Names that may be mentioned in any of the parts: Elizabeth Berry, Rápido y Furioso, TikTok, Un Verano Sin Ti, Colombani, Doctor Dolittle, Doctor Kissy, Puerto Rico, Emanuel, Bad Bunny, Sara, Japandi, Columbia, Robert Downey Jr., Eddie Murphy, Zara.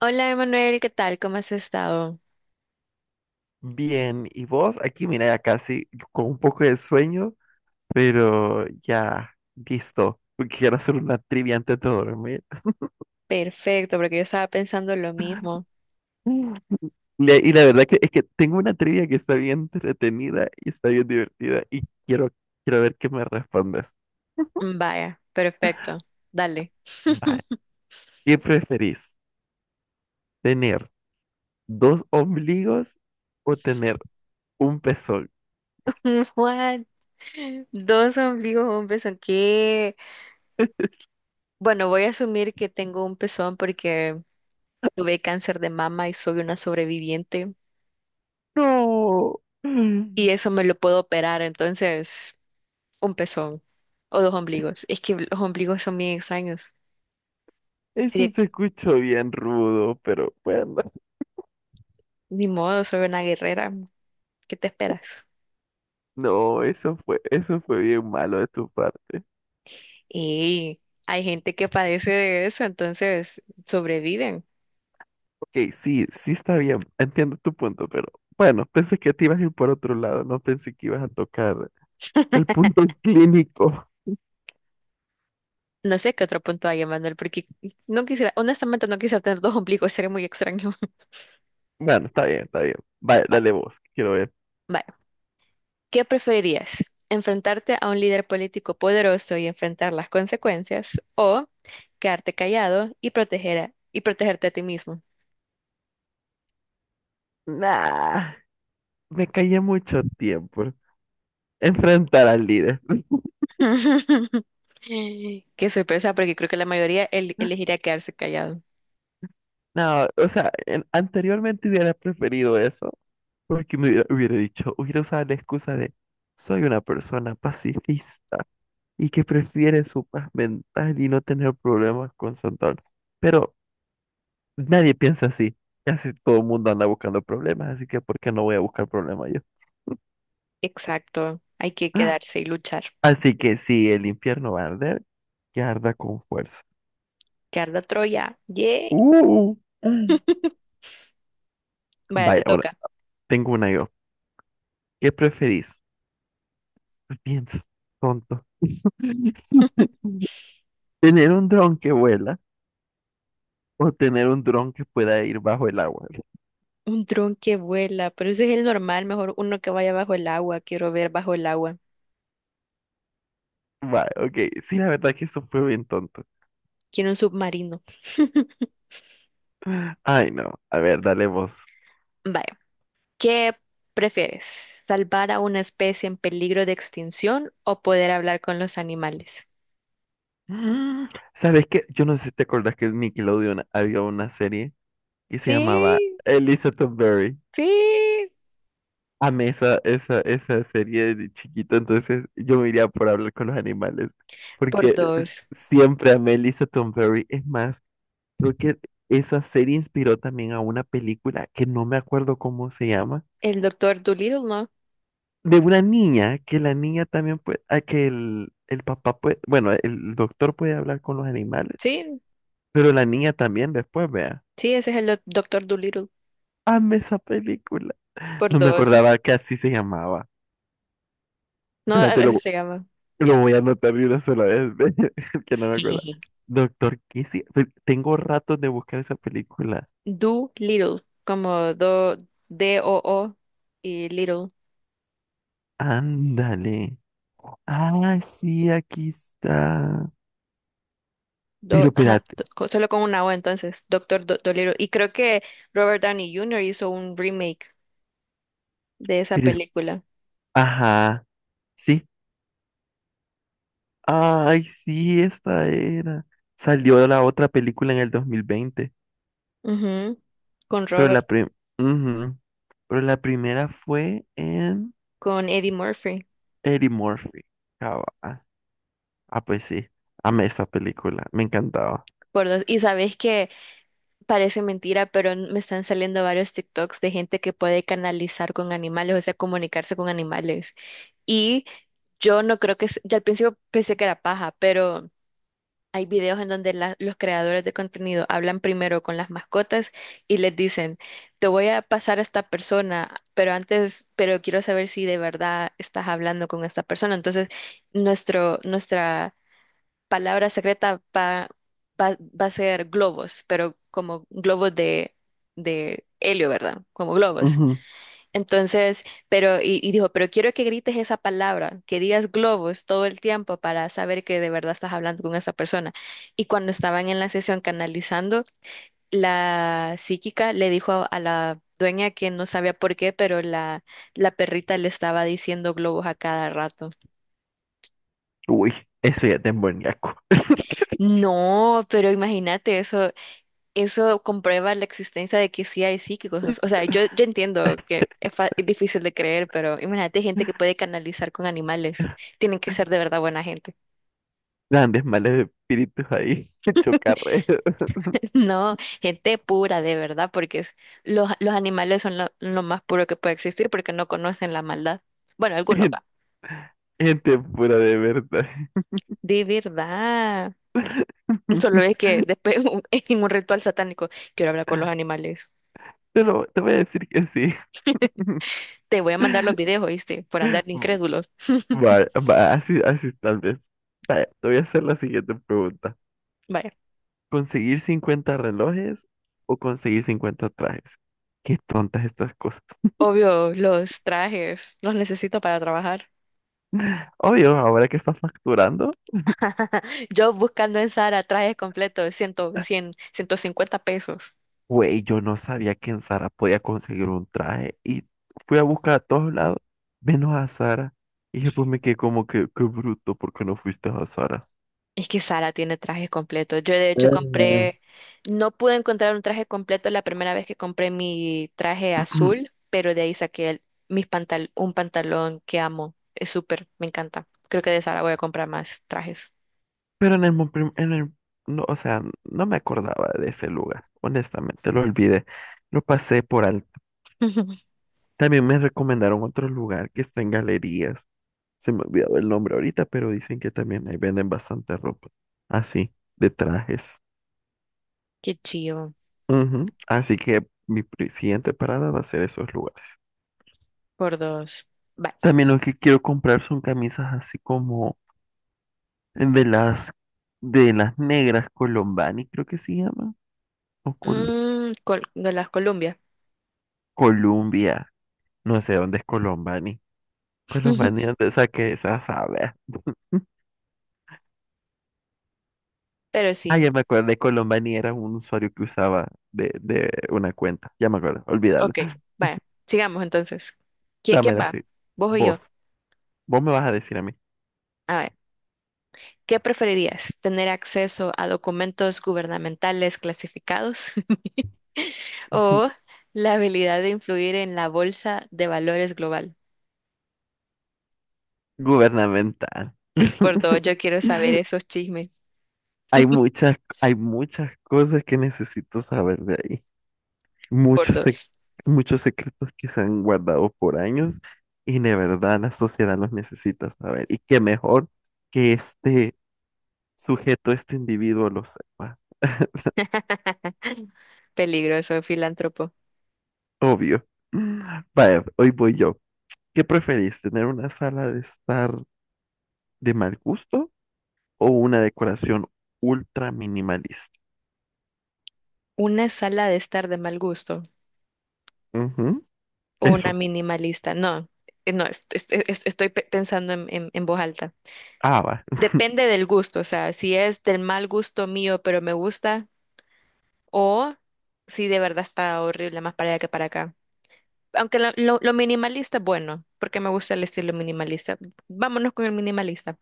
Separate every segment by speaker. Speaker 1: Hola Emanuel, ¿qué tal? ¿Cómo has estado?
Speaker 2: Bien, ¿y vos? Aquí, mira, ya casi con un poco de sueño, pero ya listo, porque quiero hacer una trivia antes de dormir.
Speaker 1: Perfecto, porque yo estaba pensando lo mismo.
Speaker 2: Mm. Y la verdad que es que tengo una trivia que está bien entretenida y está bien divertida y quiero ver qué me respondes.
Speaker 1: Vaya, perfecto. Dale.
Speaker 2: Vale. ¿Qué preferís? ¿Tener dos ombligos o tener un pezón?
Speaker 1: Mm, What? Dos ombligos, un pezón. ¿Qué? Bueno, voy a asumir que tengo un pezón porque tuve cáncer de mama y soy una sobreviviente
Speaker 2: No. Mm.
Speaker 1: y eso me lo puedo operar, entonces un pezón o dos
Speaker 2: Es-
Speaker 1: ombligos. Es que los ombligos son bien extraños.
Speaker 2: Eso
Speaker 1: Sería,
Speaker 2: se escuchó bien rudo, pero bueno.
Speaker 1: ni modo, soy una guerrera. ¿Qué te esperas?
Speaker 2: No, eso fue bien malo de tu parte.
Speaker 1: Y hay gente que padece de eso, entonces sobreviven.
Speaker 2: Ok, sí, sí está bien, entiendo tu punto, pero bueno, pensé que te ibas a ir por otro lado, no pensé que ibas a tocar el punto clínico.
Speaker 1: No sé qué otro punto hay, Emanuel, porque no quisiera, honestamente no quisiera tener dos ombligos, sería muy extraño.
Speaker 2: Bueno, está bien, está bien. Vale,
Speaker 1: Va-
Speaker 2: dale vos, quiero ver.
Speaker 1: Vale, ¿qué preferirías? ¿Enfrentarte a un líder político poderoso y enfrentar las consecuencias o quedarte callado y protegerte a ti mismo?
Speaker 2: Nah, me callé mucho tiempo. Enfrentar al líder.
Speaker 1: Qué sorpresa, porque creo que la mayoría elegiría quedarse callado.
Speaker 2: No, o sea, anteriormente hubiera preferido eso, porque me hubiera dicho, hubiera usado la excusa de, soy una persona pacifista y que prefiere su paz mental y no tener problemas con Santana. Pero nadie piensa así. Casi todo el mundo anda buscando problemas, así que ¿por qué no voy a buscar problemas yo?
Speaker 1: Exacto, hay que quedarse y luchar.
Speaker 2: Así que si el infierno va a arder, que arda con fuerza.
Speaker 1: Que arda Troya, yay.
Speaker 2: Uh, Mm.
Speaker 1: Vaya, te
Speaker 2: Vaya, ahora
Speaker 1: toca.
Speaker 2: tengo una yo. ¿Qué preferís? Piensas, tonto. ¿Tener un dron que vuela o tener un dron que pueda ir bajo el agua?
Speaker 1: Un dron que vuela, pero ese es el normal, mejor uno que vaya bajo el agua. Quiero ver bajo el agua.
Speaker 2: Vale, ok. Sí, la verdad que esto fue bien tonto.
Speaker 1: Quiero un submarino.
Speaker 2: Ay, no. A ver, dale vos.
Speaker 1: Vaya, ¿qué prefieres? ¿Salvar a una especie en peligro de extinción o poder hablar con los animales?
Speaker 2: Mm, ¿Sabes qué? Yo no sé si te acordás que en Nickelodeon había una serie que se llamaba
Speaker 1: Sí,
Speaker 2: Elizabeth Berry.
Speaker 1: sí,
Speaker 2: Amé esa serie de chiquito, entonces yo me iría por hablar con los animales,
Speaker 1: por
Speaker 2: porque
Speaker 1: dos.
Speaker 2: siempre amé Elizabeth Berry. Es más, creo que esa serie inspiró también a una película que no me acuerdo cómo se llama,
Speaker 1: El doctor Dolittle, ¿no?
Speaker 2: de una niña, que la niña también puede, a que el papá puede, bueno, el doctor puede hablar con los animales,
Speaker 1: Sí,
Speaker 2: pero la niña también después, vea.
Speaker 1: sí, ese es el doctor Dolittle,
Speaker 2: Amé esa película.
Speaker 1: por
Speaker 2: No me
Speaker 1: dos.
Speaker 2: acordaba que así se llamaba.
Speaker 1: No,
Speaker 2: Espérate, lo,
Speaker 1: así se llama.
Speaker 2: lo voy a anotar de una sola vez, que no me acuerdo. Doctor Kissy. Tengo ratos de buscar esa película.
Speaker 1: Do como do, D-O-O y Little.
Speaker 2: Ándale. Ah, sí, aquí está. Pero
Speaker 1: Ajá,
Speaker 2: espérate,
Speaker 1: solo con una O entonces, Doctor Dolittle. Y creo que Robert Downey Jr. hizo un remake de esa
Speaker 2: pero es...
Speaker 1: película.
Speaker 2: Ajá, sí. Ay, sí, esta era. Salió la otra película en el 2020,
Speaker 1: Ujú. Con
Speaker 2: pero
Speaker 1: Robert,
Speaker 2: ujú, pero la primera fue en
Speaker 1: con Eddie Murphy.
Speaker 2: Eddie Murphy. Cabal. Ah, pues sí. Amé esa película. Me encantaba.
Speaker 1: Por dos. Y sabes que parece mentira, pero me están saliendo varios TikToks de gente que puede canalizar con animales, o sea, comunicarse con animales. Y yo no creo que, yo al principio pensé que era paja, pero hay videos en donde los creadores de contenido hablan primero con las mascotas y les dicen, te voy a pasar a esta persona, pero antes, pero quiero saber si de verdad estás hablando con esta persona. Entonces, nuestra palabra secreta va a ser globos, pero como globos de helio, ¿verdad? Como globos.
Speaker 2: Ujú.
Speaker 1: Entonces, pero, y dijo, pero quiero que grites esa palabra, que digas globos todo el tiempo para saber que de verdad estás hablando con esa persona. Y cuando estaban en la sesión canalizando, la psíquica le dijo a la dueña que no sabía por qué, pero la perrita le estaba diciendo globos a cada rato.
Speaker 2: Uy, eso ya es demoníaco.
Speaker 1: No, pero imagínate eso, eso comprueba la existencia de que sí hay psíquicos. O sea, yo entiendo que es, es difícil de creer, pero imagínate gente que puede canalizar con animales. Tienen que ser de verdad buena gente.
Speaker 2: Grandes males espíritus ahí. Chocarrero.
Speaker 1: No, gente pura, de verdad, porque es- los animales son lo más puro que puede existir porque no conocen la maldad. Bueno, algunos
Speaker 2: Gen-
Speaker 1: va.
Speaker 2: Gente pura de verdad.
Speaker 1: De verdad. Solo es que después en un ritual satánico quiero hablar con los animales.
Speaker 2: Te voy a decir que sí.
Speaker 1: Te voy a mandar los videos, ¿oíste? Por andar de incrédulos.
Speaker 2: Vale, va, así, así tal vez. Vaya, te voy a hacer la siguiente pregunta.
Speaker 1: Vaya.
Speaker 2: ¿Conseguir 50 relojes o conseguir 50 trajes? Qué tontas estas cosas.
Speaker 1: Obvio, los trajes, los necesito para trabajar.
Speaker 2: Obvio, ahora que estás facturando.
Speaker 1: Yo buscando en Sara trajes completos, de 100 100, 150 pesos.
Speaker 2: Güey, yo no sabía que en Zara podía conseguir un traje y fui a buscar a todos lados, menos a Zara. Y después me quedé como que, qué bruto, ¿por qué no fuiste a Zara?
Speaker 1: Es que Sara tiene trajes completos. Yo de hecho
Speaker 2: Ujú.
Speaker 1: compré, no pude encontrar un traje completo la primera vez que compré mi traje azul, pero de ahí saqué el- mis pantal un pantalón que amo. Es súper, me encanta. Creo que de Sara voy a comprar más trajes.
Speaker 2: Pero en el, mo- prim- en el, no, o sea, no me acordaba de ese lugar, honestamente, lo olvidé, lo pasé por alto. También me recomendaron otro lugar que está en galerías, se me olvidó el nombre ahorita, pero dicen que también ahí venden bastante ropa, así, de trajes.
Speaker 1: Qué chido.
Speaker 2: Ujú. Así que mi siguiente parada va a ser esos lugares.
Speaker 1: Por dos. Vale.
Speaker 2: También lo que quiero comprar son camisas así como de las de las negras Colombani, creo que se llaman, o
Speaker 1: De las Columbia.
Speaker 2: Columbia, no sé dónde es Colombani. Colombani, ¿dónde saqué esa sabe?
Speaker 1: Pero
Speaker 2: Ah,
Speaker 1: sí.
Speaker 2: ya me acordé, Colombani era un usuario que usaba de una cuenta. Ya me acuerdo, olvídalo.
Speaker 1: Ok, vaya, sigamos entonces. ¿Quién, quién
Speaker 2: Dámela
Speaker 1: va?
Speaker 2: así.
Speaker 1: ¿Vos o yo?
Speaker 2: Vos, vos me vas a decir a mí.
Speaker 1: A ver, ¿qué preferirías? ¿Tener acceso a documentos gubernamentales clasificados o la habilidad de influir en la bolsa de valores global?
Speaker 2: Gubernamental.
Speaker 1: Por dos, yo quiero saber esos chismes.
Speaker 2: Hay muchas, hay muchas cosas que necesito saber de ahí.
Speaker 1: Por
Speaker 2: Muchos, sec-
Speaker 1: dos,
Speaker 2: muchos secretos que se han guardado por años y de verdad la sociedad los necesita saber. Y qué mejor que este sujeto, este individuo lo sepa.
Speaker 1: peligroso filántropo.
Speaker 2: Obvio. Vaya, hoy voy yo. ¿Qué preferís, tener una sala de estar de mal gusto o una decoración ultra minimalista?
Speaker 1: ¿Una sala de estar de mal gusto
Speaker 2: Ujú,
Speaker 1: o una
Speaker 2: eso.
Speaker 1: minimalista? No, no, estoy pensando en en voz alta.
Speaker 2: Ah, va.
Speaker 1: Depende del gusto, o sea, si es del mal gusto mío, pero me gusta, o si de verdad está horrible más para allá que para acá. Aunque lo minimalista es bueno, porque me gusta el estilo minimalista. Vámonos con el minimalista.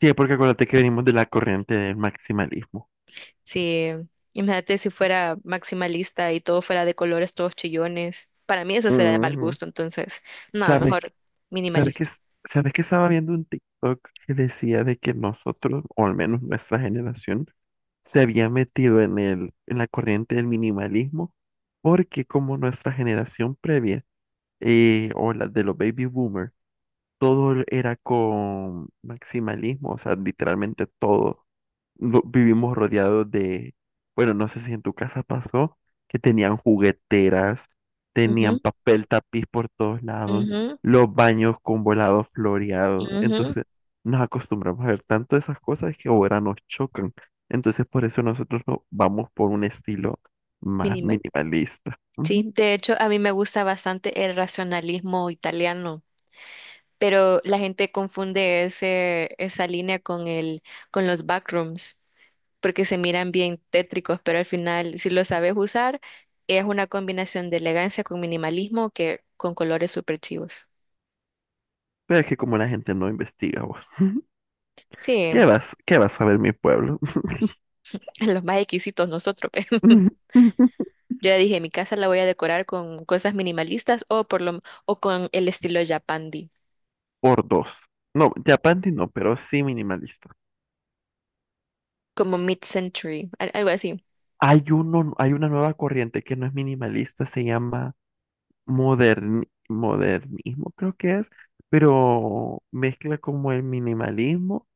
Speaker 2: Sí, porque acuérdate que venimos de la corriente del maximalismo.
Speaker 1: Sí, imagínate si fuera maximalista y todo fuera de colores, todos chillones. Para mí eso sería de mal
Speaker 2: Ujú.
Speaker 1: gusto, entonces, nada,
Speaker 2: ¿Sabes, qué-
Speaker 1: mejor
Speaker 2: sabes que,
Speaker 1: minimalista.
Speaker 2: sabes que estaba viendo un TikTok que decía de que nosotros, o al menos nuestra generación, se había metido en la corriente del minimalismo, porque como nuestra generación previa, o la de los baby boomers, todo era con maximalismo, o sea, literalmente todo. Vivimos rodeados de, bueno, no sé si en tu casa pasó, que tenían jugueteras, tenían
Speaker 1: Ujú,
Speaker 2: papel tapiz por todos lados,
Speaker 1: ujú,
Speaker 2: los baños con volados floreados.
Speaker 1: ujú.
Speaker 2: Entonces, nos acostumbramos a ver tanto esas cosas que ahora nos chocan. Entonces, por eso nosotros vamos por un estilo más
Speaker 1: Minimal.
Speaker 2: minimalista. Ujú.
Speaker 1: Sí, de hecho, a mí me gusta bastante el racionalismo italiano. Pero la gente confunde esa línea con con los backrooms, porque se miran bien tétricos, pero al final, si lo sabes usar, es una combinación de elegancia con minimalismo que con colores súper chivos.
Speaker 2: Pero es que como la gente no investiga, vos,
Speaker 1: Sí,
Speaker 2: ¿qué vas a ver mi pueblo?
Speaker 1: los más exquisitos nosotros. pe. Yo ya dije, mi casa la voy a decorar con cosas minimalistas o con el estilo Japandi,
Speaker 2: Por dos. No, Japandi no, pero sí minimalista.
Speaker 1: como mid-century, algo así.
Speaker 2: Hay uno, hay una nueva corriente que no es minimalista, se llama modernismo, creo que es, pero mezcla como el minimalismo,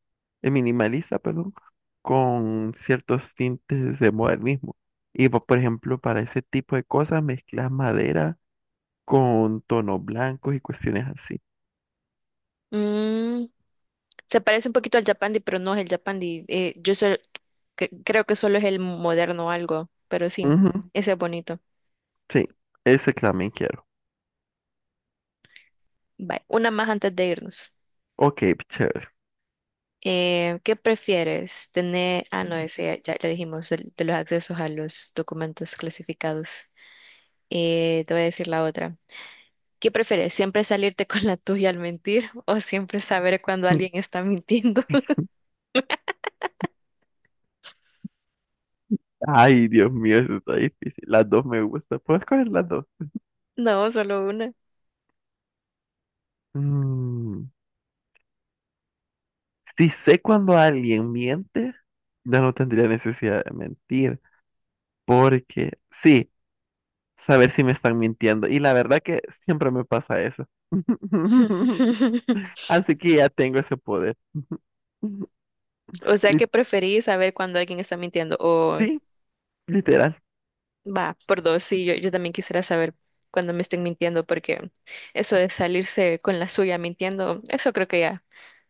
Speaker 2: el minimalista, perdón, con ciertos tintes de modernismo. Y por ejemplo, para ese tipo de cosas mezclas madera con tonos blancos y cuestiones así.
Speaker 1: Mm, Se parece un poquito al Japandi, pero no es el Japandi. Creo que solo es el moderno algo, pero sí,
Speaker 2: Ujú.
Speaker 1: ese es bonito.
Speaker 2: Sí, ese también quiero.
Speaker 1: Vale, una más antes de irnos.
Speaker 2: Ok, chévere.
Speaker 1: ¿Qué prefieres? Tener, no, ese ya dijimos, de, los accesos a los documentos clasificados. Te voy a decir la otra. ¿Qué prefieres? ¿Siempre salirte con la tuya al mentir o siempre saber cuando alguien está mintiendo?
Speaker 2: Ay, Dios mío, eso está difícil. Las dos me gustan. ¿Puedes escoger las dos?
Speaker 1: No, solo una.
Speaker 2: Mm. Si sé cuando alguien miente, ya no tendría necesidad de mentir, porque sí, saber si me están mintiendo. Y la verdad que siempre me pasa eso. Así que ya tengo ese poder.
Speaker 1: O sea,
Speaker 2: Y
Speaker 1: ¿qué preferís saber cuando alguien está mintiendo? O
Speaker 2: sí, literal,
Speaker 1: va, por dos, sí, yo también quisiera saber cuando me estén mintiendo, porque eso de salirse con la suya mintiendo, eso creo que ya,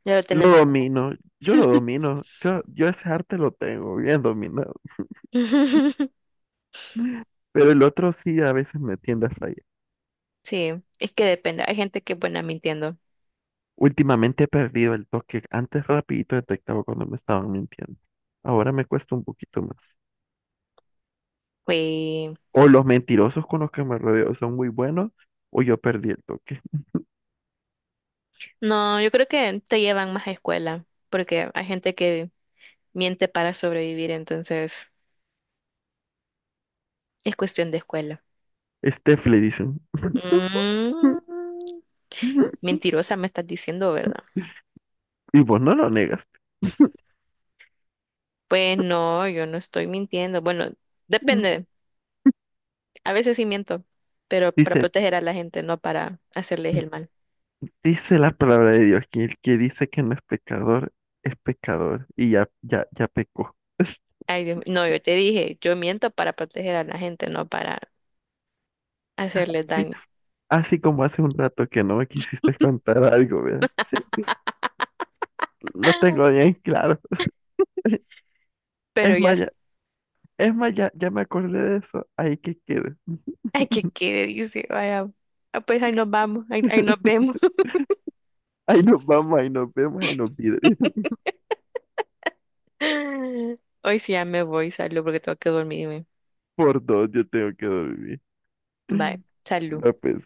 Speaker 1: ya lo
Speaker 2: lo
Speaker 1: tenemos como.
Speaker 2: domino, yo lo domino, yo ese arte lo tengo bien dominado, pero el otro sí a veces me tiende a fallar.
Speaker 1: Sí, es que depende, hay gente que es buena mintiendo.
Speaker 2: Últimamente he perdido el toque, antes rapidito detectaba cuando me estaban mintiendo, ahora me cuesta un poquito más.
Speaker 1: Y
Speaker 2: O los mentirosos con los que me rodeo son muy buenos, o yo perdí el toque.
Speaker 1: no, yo creo que te llevan más a escuela, porque hay gente que miente para sobrevivir, entonces es cuestión de escuela.
Speaker 2: Steph le dicen.
Speaker 1: Mm, mentirosa me estás diciendo, ¿verdad?
Speaker 2: Y vos no lo negas.
Speaker 1: Pues no, yo no estoy mintiendo. Bueno, depende. A veces sí miento, pero para
Speaker 2: Dice,
Speaker 1: proteger a la gente, no para hacerles el mal.
Speaker 2: dice la palabra de Dios, que el que dice que no es pecador, es pecador. Y ya, ya, ya pecó.
Speaker 1: Ay, Dios, mío. No, yo te dije, yo miento para proteger a la gente, no para hacerles
Speaker 2: Sí,
Speaker 1: daño.
Speaker 2: así como hace un rato que no me quisiste contar algo, ¿verdad? Sí, sí, lo tengo bien claro.
Speaker 1: Pero
Speaker 2: Es
Speaker 1: ya,
Speaker 2: más,
Speaker 1: es-
Speaker 2: ya, es más, ya, ya me acordé de eso. Ahí que quede.
Speaker 1: ay, que quede, dice, vaya, pues ahí nos vamos, ahí nos vemos.
Speaker 2: Ahí nos vamos, ahí nos vemos, ahí nos pide.
Speaker 1: Hoy sí ya me voy, salud, porque tengo que dormirme.
Speaker 2: Por dos yo tengo que dormir.
Speaker 1: Bye, salud.
Speaker 2: No, pues,